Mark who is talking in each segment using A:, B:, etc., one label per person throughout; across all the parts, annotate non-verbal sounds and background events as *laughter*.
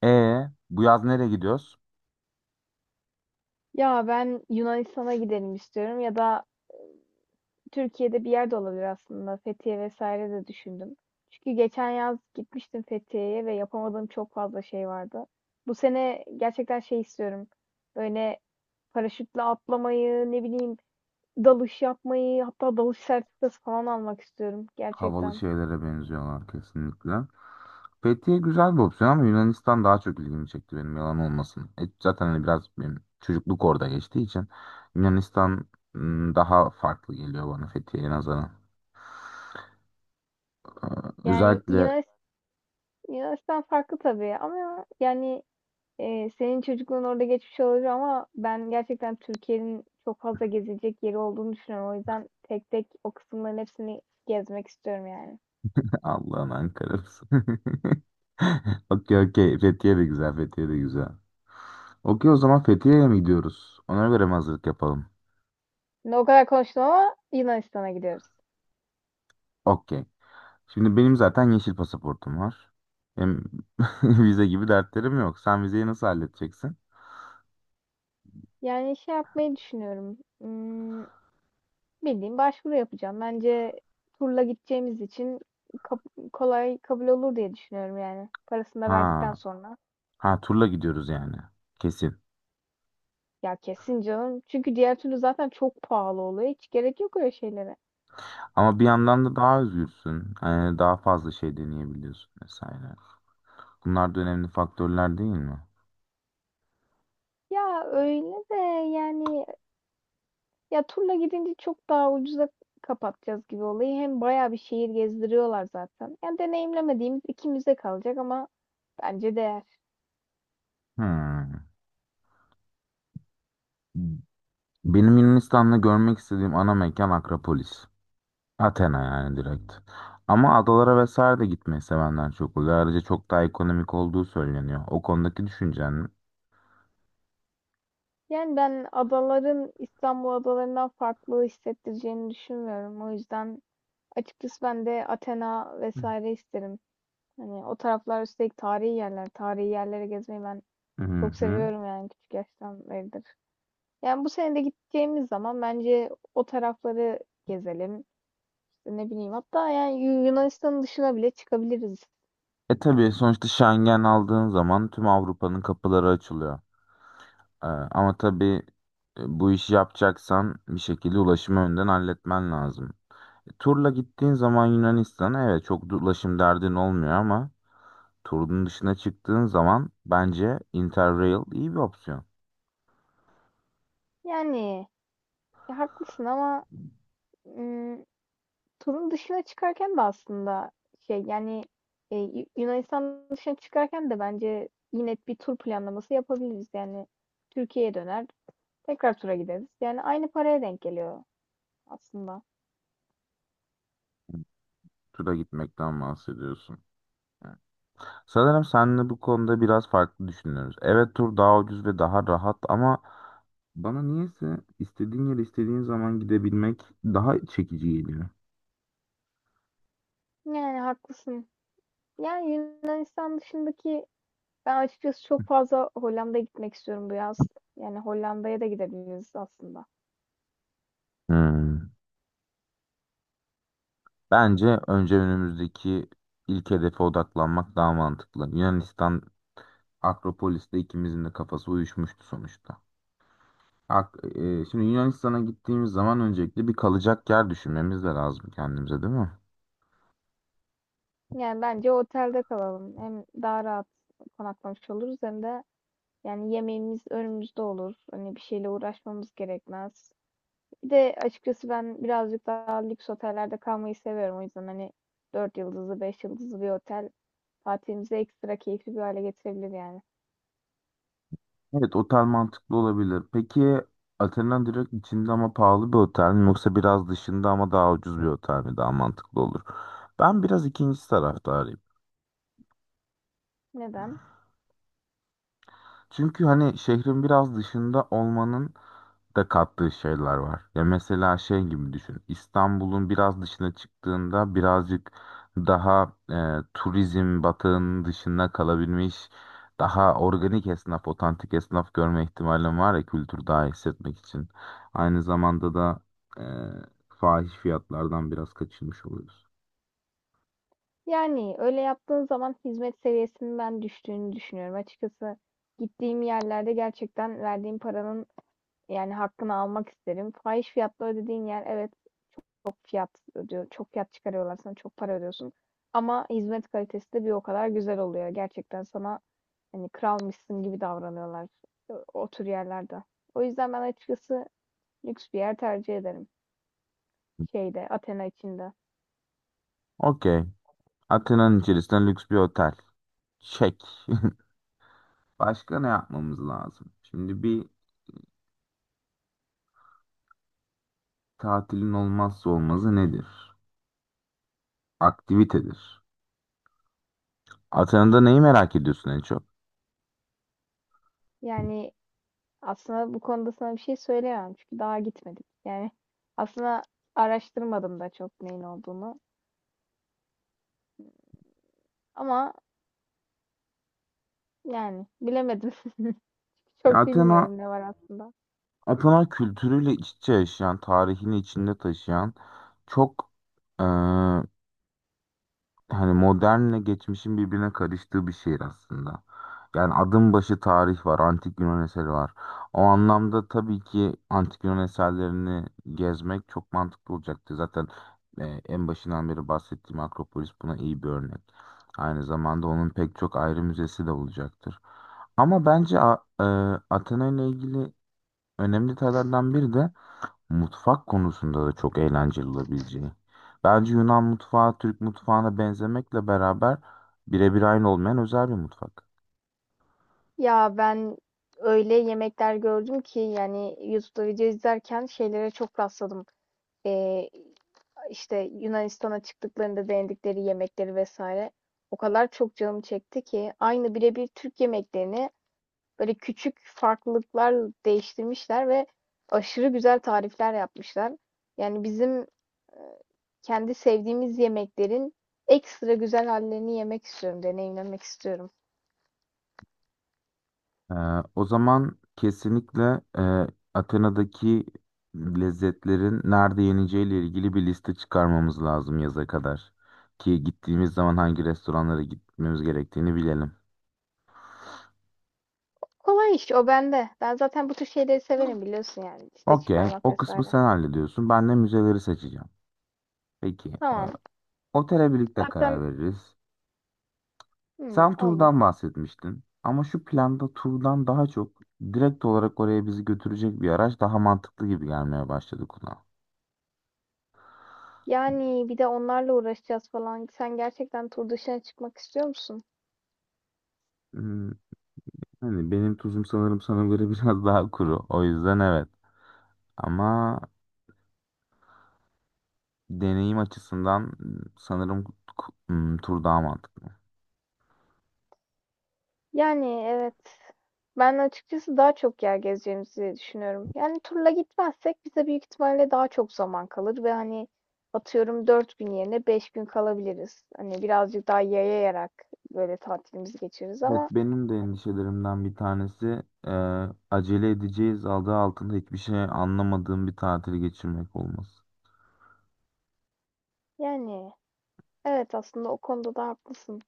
A: E bu yaz nereye gidiyoruz?
B: Ya ben Yunanistan'a gidelim istiyorum ya da e, Türkiye'de bir yerde olabilir aslında. Fethiye vesaire de düşündüm. Çünkü geçen yaz gitmiştim Fethiye'ye ve yapamadığım çok fazla şey vardı. Bu sene gerçekten şey istiyorum. Böyle paraşütle atlamayı, ne bileyim dalış yapmayı, hatta dalış sertifikası falan almak istiyorum
A: Havalı
B: gerçekten.
A: şeylere benziyorlar kesinlikle. Fethiye güzel bir opsiyon ama Yunanistan daha çok ilgimi çekti benim, yalan olmasın. Zaten hani biraz benim çocukluk orada geçtiği için Yunanistan daha farklı geliyor bana Fethiye'ye nazaran.
B: Yani
A: Özellikle
B: Yunanistan farklı tabii ama yani senin çocukluğun orada geçmiş olabilir ama ben gerçekten Türkiye'nin çok fazla gezilecek yeri olduğunu düşünüyorum. O yüzden tek tek o kısımların hepsini gezmek istiyorum yani.
A: *laughs* Allah'ın Ankara'sı. *laughs* Okey okey, Fethiye de güzel, Fethiye de güzel. Okey, o zaman Fethiye'ye mi gidiyoruz? Ona göre mi hazırlık yapalım?
B: Şimdi o kadar konuştum ama Yunanistan'a gidiyoruz.
A: Okey. Şimdi benim zaten yeşil pasaportum var. Hem *laughs* vize gibi dertlerim yok. Sen vizeyi nasıl halledeceksin?
B: Yani şey yapmayı düşünüyorum. Bildiğim başvuru yapacağım. Bence turla gideceğimiz için kolay kabul olur diye düşünüyorum yani. Parasını da
A: Ha,
B: verdikten sonra.
A: ha, turla gidiyoruz yani. Kesin.
B: Ya kesin canım. Çünkü diğer türlü zaten çok pahalı oluyor. Hiç gerek yok öyle şeylere.
A: Ama bir yandan da daha özgürsün. Yani daha fazla şey deneyebiliyorsun vesaire. Bunlar da önemli faktörler, değil mi?
B: Ya öyle de yani. Ya turla gidince çok daha ucuza kapatacağız gibi olayı. Hem bayağı bir şehir gezdiriyorlar zaten. Yani deneyimlemediğimiz iki kalacak ama bence değer.
A: Hmm. Benim Yunanistan'da görmek istediğim ana mekan Akropolis. Athena yani, direkt. Ama adalara vesaire de gitmeyi sevenler çok oluyor. Ayrıca çok daha ekonomik olduğu söyleniyor. O konudaki düşüncen ne?
B: Yani ben adaların İstanbul adalarından farklı hissettireceğini düşünmüyorum. O yüzden açıkçası ben de Athena vesaire isterim. Hani o taraflar üstelik tarihi yerler. Tarihi yerlere gezmeyi ben
A: Hı
B: çok
A: hı.
B: seviyorum yani küçük yaştan beridir. Yani bu sene de gideceğimiz zaman bence o tarafları gezelim. İşte ne bileyim hatta yani Yunanistan'ın dışına bile çıkabiliriz.
A: E tabii, sonuçta Schengen aldığın zaman tüm Avrupa'nın kapıları açılıyor. Ama tabii bu işi yapacaksan bir şekilde ulaşımı önden halletmen lazım. Turla gittiğin zaman Yunanistan'a evet, çok da ulaşım derdin olmuyor, ama turun dışına çıktığın zaman bence Interrail iyi bir opsiyon.
B: Yani ya haklısın ama ım, turun dışına çıkarken de aslında şey yani Yunanistan dışına çıkarken de bence yine bir tur planlaması yapabiliriz. Yani Türkiye'ye döner tekrar tura gideriz. Yani aynı paraya denk geliyor aslında.
A: Turla gitmekten bahsediyorsun. Sanırım seninle bu konuda biraz farklı düşünüyoruz. Evet, tur daha ucuz ve daha rahat, ama bana niyeyse istediğin yere istediğin zaman gidebilmek daha çekici geliyor.
B: Yani haklısın. Yani Yunanistan dışındaki ben açıkçası çok fazla Hollanda'ya gitmek istiyorum bu yaz. Yani Hollanda'ya da gidebiliriz aslında.
A: Hmm. Bence önce önümüzdeki ilk hedefe odaklanmak daha mantıklı. Yunanistan, Akropolis'te ikimizin de kafası uyuşmuştu sonuçta. Şimdi Yunanistan'a gittiğimiz zaman öncelikle bir kalacak yer düşünmemiz de lazım kendimize, değil mi?
B: Yani bence otelde kalalım. Hem daha rahat konaklamış oluruz hem de yani yemeğimiz önümüzde olur. Hani bir şeyle uğraşmamız gerekmez. Bir de açıkçası ben birazcık daha lüks otellerde kalmayı seviyorum. O yüzden hani 4 yıldızlı, 5 yıldızlı bir otel tatilimizi ekstra keyifli bir hale getirebilir yani.
A: Evet, otel mantıklı olabilir. Peki, Atina'nın direkt içinde ama pahalı bir otel mi yoksa biraz dışında ama daha ucuz bir otel mi daha mantıklı olur? Ben biraz ikinci taraftarıyım.
B: Neden?
A: Çünkü hani şehrin biraz dışında olmanın da kattığı şeyler var. Ya mesela şey gibi düşün. İstanbul'un biraz dışına çıktığında birazcık daha turizm batağının dışında kalabilmiş, daha organik esnaf, otantik esnaf görme ihtimalin var, ya kültür daha iyi hissetmek için. Aynı zamanda da e, fahiş fiyatlardan biraz kaçınmış oluyoruz.
B: Yani öyle yaptığın zaman hizmet seviyesinin ben düştüğünü düşünüyorum. Açıkçası gittiğim yerlerde gerçekten verdiğim paranın yani hakkını almak isterim. Fahiş fiyatla ödediğin yer, evet, çok fiyat ödüyor, çok fiyat çıkarıyorlar sana, çok para ödüyorsun. Ama hizmet kalitesi de bir o kadar güzel oluyor. Gerçekten sana hani kralmışsın gibi davranıyorlar o tür yerlerde. O yüzden ben açıkçası lüks bir yer tercih ederim. Şeyde, Athena içinde.
A: Okey. Atina'nın içerisinde lüks bir otel. Çek. *laughs* Başka ne yapmamız lazım? Şimdi bir tatilin olmazsa olmazı nedir? Aktivitedir. Atana'da neyi merak ediyorsun en çok?
B: Yani aslında bu konuda sana bir şey söyleyemem çünkü daha gitmedik. Yani aslında araştırmadım da çok neyin olduğunu. Ama yani bilemedim. *laughs*
A: Ya
B: Çok
A: Athena,
B: bilmiyorum ne var aslında.
A: Athena kültürüyle iç içe yaşayan, tarihini içinde taşıyan, çok hani modernle geçmişin birbirine karıştığı bir şehir aslında. Yani adım başı tarih var, antik Yunan eseri var. O anlamda tabii ki antik Yunan eserlerini gezmek çok mantıklı olacaktı. Zaten en başından beri bahsettiğim Akropolis buna iyi bir örnek. Aynı zamanda onun pek çok ayrı müzesi de olacaktır. Ama bence Athena ile ilgili önemli detaylardan biri de mutfak konusunda da çok eğlenceli olabileceği. Bence Yunan mutfağı Türk mutfağına benzemekle beraber birebir aynı olmayan özel bir mutfak.
B: Ya ben öyle yemekler gördüm ki yani YouTube'da video izlerken şeylere çok rastladım. Ee, işte Yunanistan'a çıktıklarında denedikleri yemekleri vesaire. O kadar çok canım çekti ki aynı birebir Türk yemeklerini böyle küçük farklılıklar değiştirmişler ve aşırı güzel tarifler yapmışlar. Yani bizim e, kendi sevdiğimiz yemeklerin ekstra güzel hallerini yemek istiyorum, deneyimlemek istiyorum.
A: Ee, o zaman kesinlikle Atina'daki lezzetlerin nerede yeneceğiyle ilgili bir liste çıkarmamız lazım yaza kadar. Ki gittiğimiz zaman hangi restoranlara gitmemiz gerektiğini bilelim.
B: Kolay iş o bende. Ben zaten bu tür şeyleri severim biliyorsun yani liste
A: Okey,
B: çıkarmak
A: o kısmı
B: vesaire.
A: sen hallediyorsun. Ben de müzeleri seçeceğim. Peki, e,
B: Tamam.
A: otele birlikte
B: Zaten
A: karar veririz. Sen
B: olur.
A: turdan bahsetmiştin ama şu planda turdan daha çok direkt olarak oraya bizi götürecek bir araç daha mantıklı gibi gelmeye başladı kulağa.
B: Yani bir de onlarla uğraşacağız falan. Sen gerçekten tur dışına çıkmak istiyor musun?
A: Hmm, hani benim tuzum sanırım sana göre *laughs* biraz daha kuru. O yüzden evet. Ama deneyim açısından sanırım tur daha mantıklı.
B: Yani evet. Ben açıkçası daha çok yer gezeceğimizi düşünüyorum. Yani turla gitmezsek bize büyük ihtimalle daha çok zaman kalır ve hani atıyorum 4 gün yerine 5 gün kalabiliriz. Hani birazcık daha yayayarak böyle tatilimizi geçiririz
A: Evet,
B: ama
A: benim de endişelerimden bir tanesi e, acele edeceğiz adı altında hiçbir şey anlamadığım bir tatil geçirmek olması.
B: yani evet, aslında o konuda da haklısın.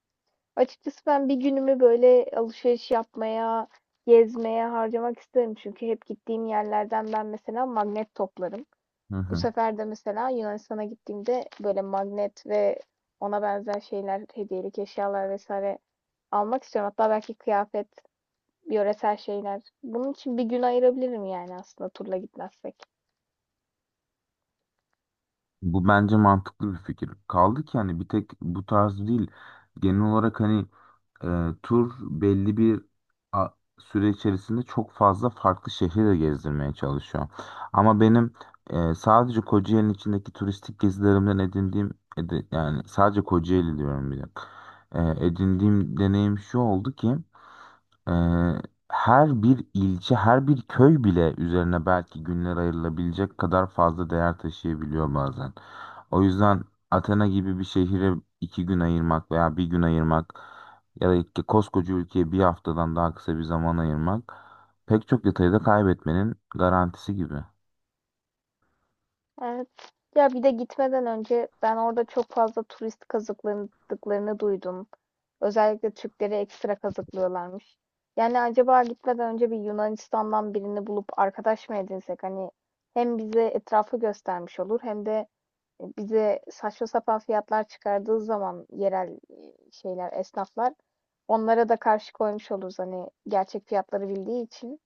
B: Açıkçası ben bir günümü böyle alışveriş yapmaya, gezmeye harcamak isterim. Çünkü hep gittiğim yerlerden ben mesela magnet toplarım.
A: Hı
B: Bu
A: hı.
B: sefer de mesela Yunanistan'a gittiğimde böyle magnet ve ona benzer şeyler, hediyelik eşyalar vesaire almak istiyorum. Hatta belki kıyafet, yöresel şeyler. Bunun için bir gün ayırabilirim yani aslında turla gitmezsek.
A: Bu bence mantıklı bir fikir. Kaldı ki hani bir tek bu tarz değil. Genel olarak hani e, tur belli bir a- süre içerisinde çok fazla farklı şehri de gezdirmeye çalışıyor. Ama benim sadece Kocaeli'nin içindeki turistik gezilerimden edindiğim yani sadece Kocaeli diyorum, bir dakika. Edindiğim deneyim şu oldu ki ee, her bir ilçe, her bir köy bile üzerine belki günler ayrılabilecek kadar fazla değer taşıyabiliyor bazen. O yüzden Athena gibi bir şehire 2 gün ayırmak veya bir gün ayırmak ya da koskoca ülkeye bir haftadan daha kısa bir zaman ayırmak pek çok detayı da kaybetmenin garantisi gibi.
B: Evet. Ya bir de gitmeden önce ben orada çok fazla turist kazıkladıklarını duydum. Özellikle Türkleri ekstra kazıklıyorlarmış. Yani acaba gitmeden önce bir Yunanistan'dan birini bulup arkadaş mı edinsek? Hani hem bize etrafı göstermiş olur hem de bize saçma sapan fiyatlar çıkardığı zaman yerel şeyler, esnaflar onlara da karşı koymuş oluruz. Hani gerçek fiyatları bildiği için.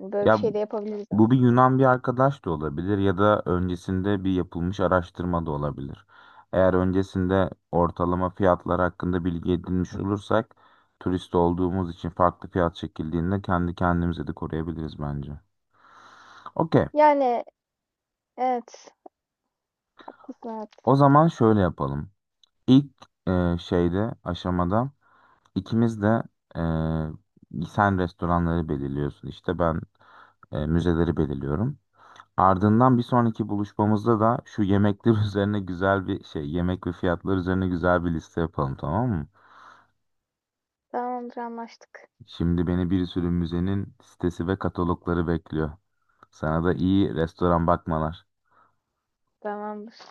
B: Yani böyle bir
A: Ya,
B: şey de yapabiliriz
A: bu bir
B: aslında.
A: Yunan bir arkadaş da olabilir ya da öncesinde bir yapılmış araştırma da olabilir. Eğer öncesinde ortalama fiyatlar hakkında bilgi edinmiş olursak, turist olduğumuz için farklı fiyat çekildiğinde kendi kendimize de koruyabiliriz bence. Okey.
B: Yani evet, haklısın. Evet.
A: O zaman şöyle yapalım. İlk şeyde aşamada ikimiz de sen restoranları belirliyorsun, işte ben müzeleri belirliyorum. Ardından bir sonraki buluşmamızda da şu yemekler *laughs* üzerine güzel bir şey, yemek ve fiyatlar üzerine güzel bir liste yapalım, tamam mı?
B: Tamamdır, anlaştık.
A: Şimdi beni bir sürü müzenin sitesi ve katalogları bekliyor. Sana da iyi restoran bakmalar.
B: Tamamdır.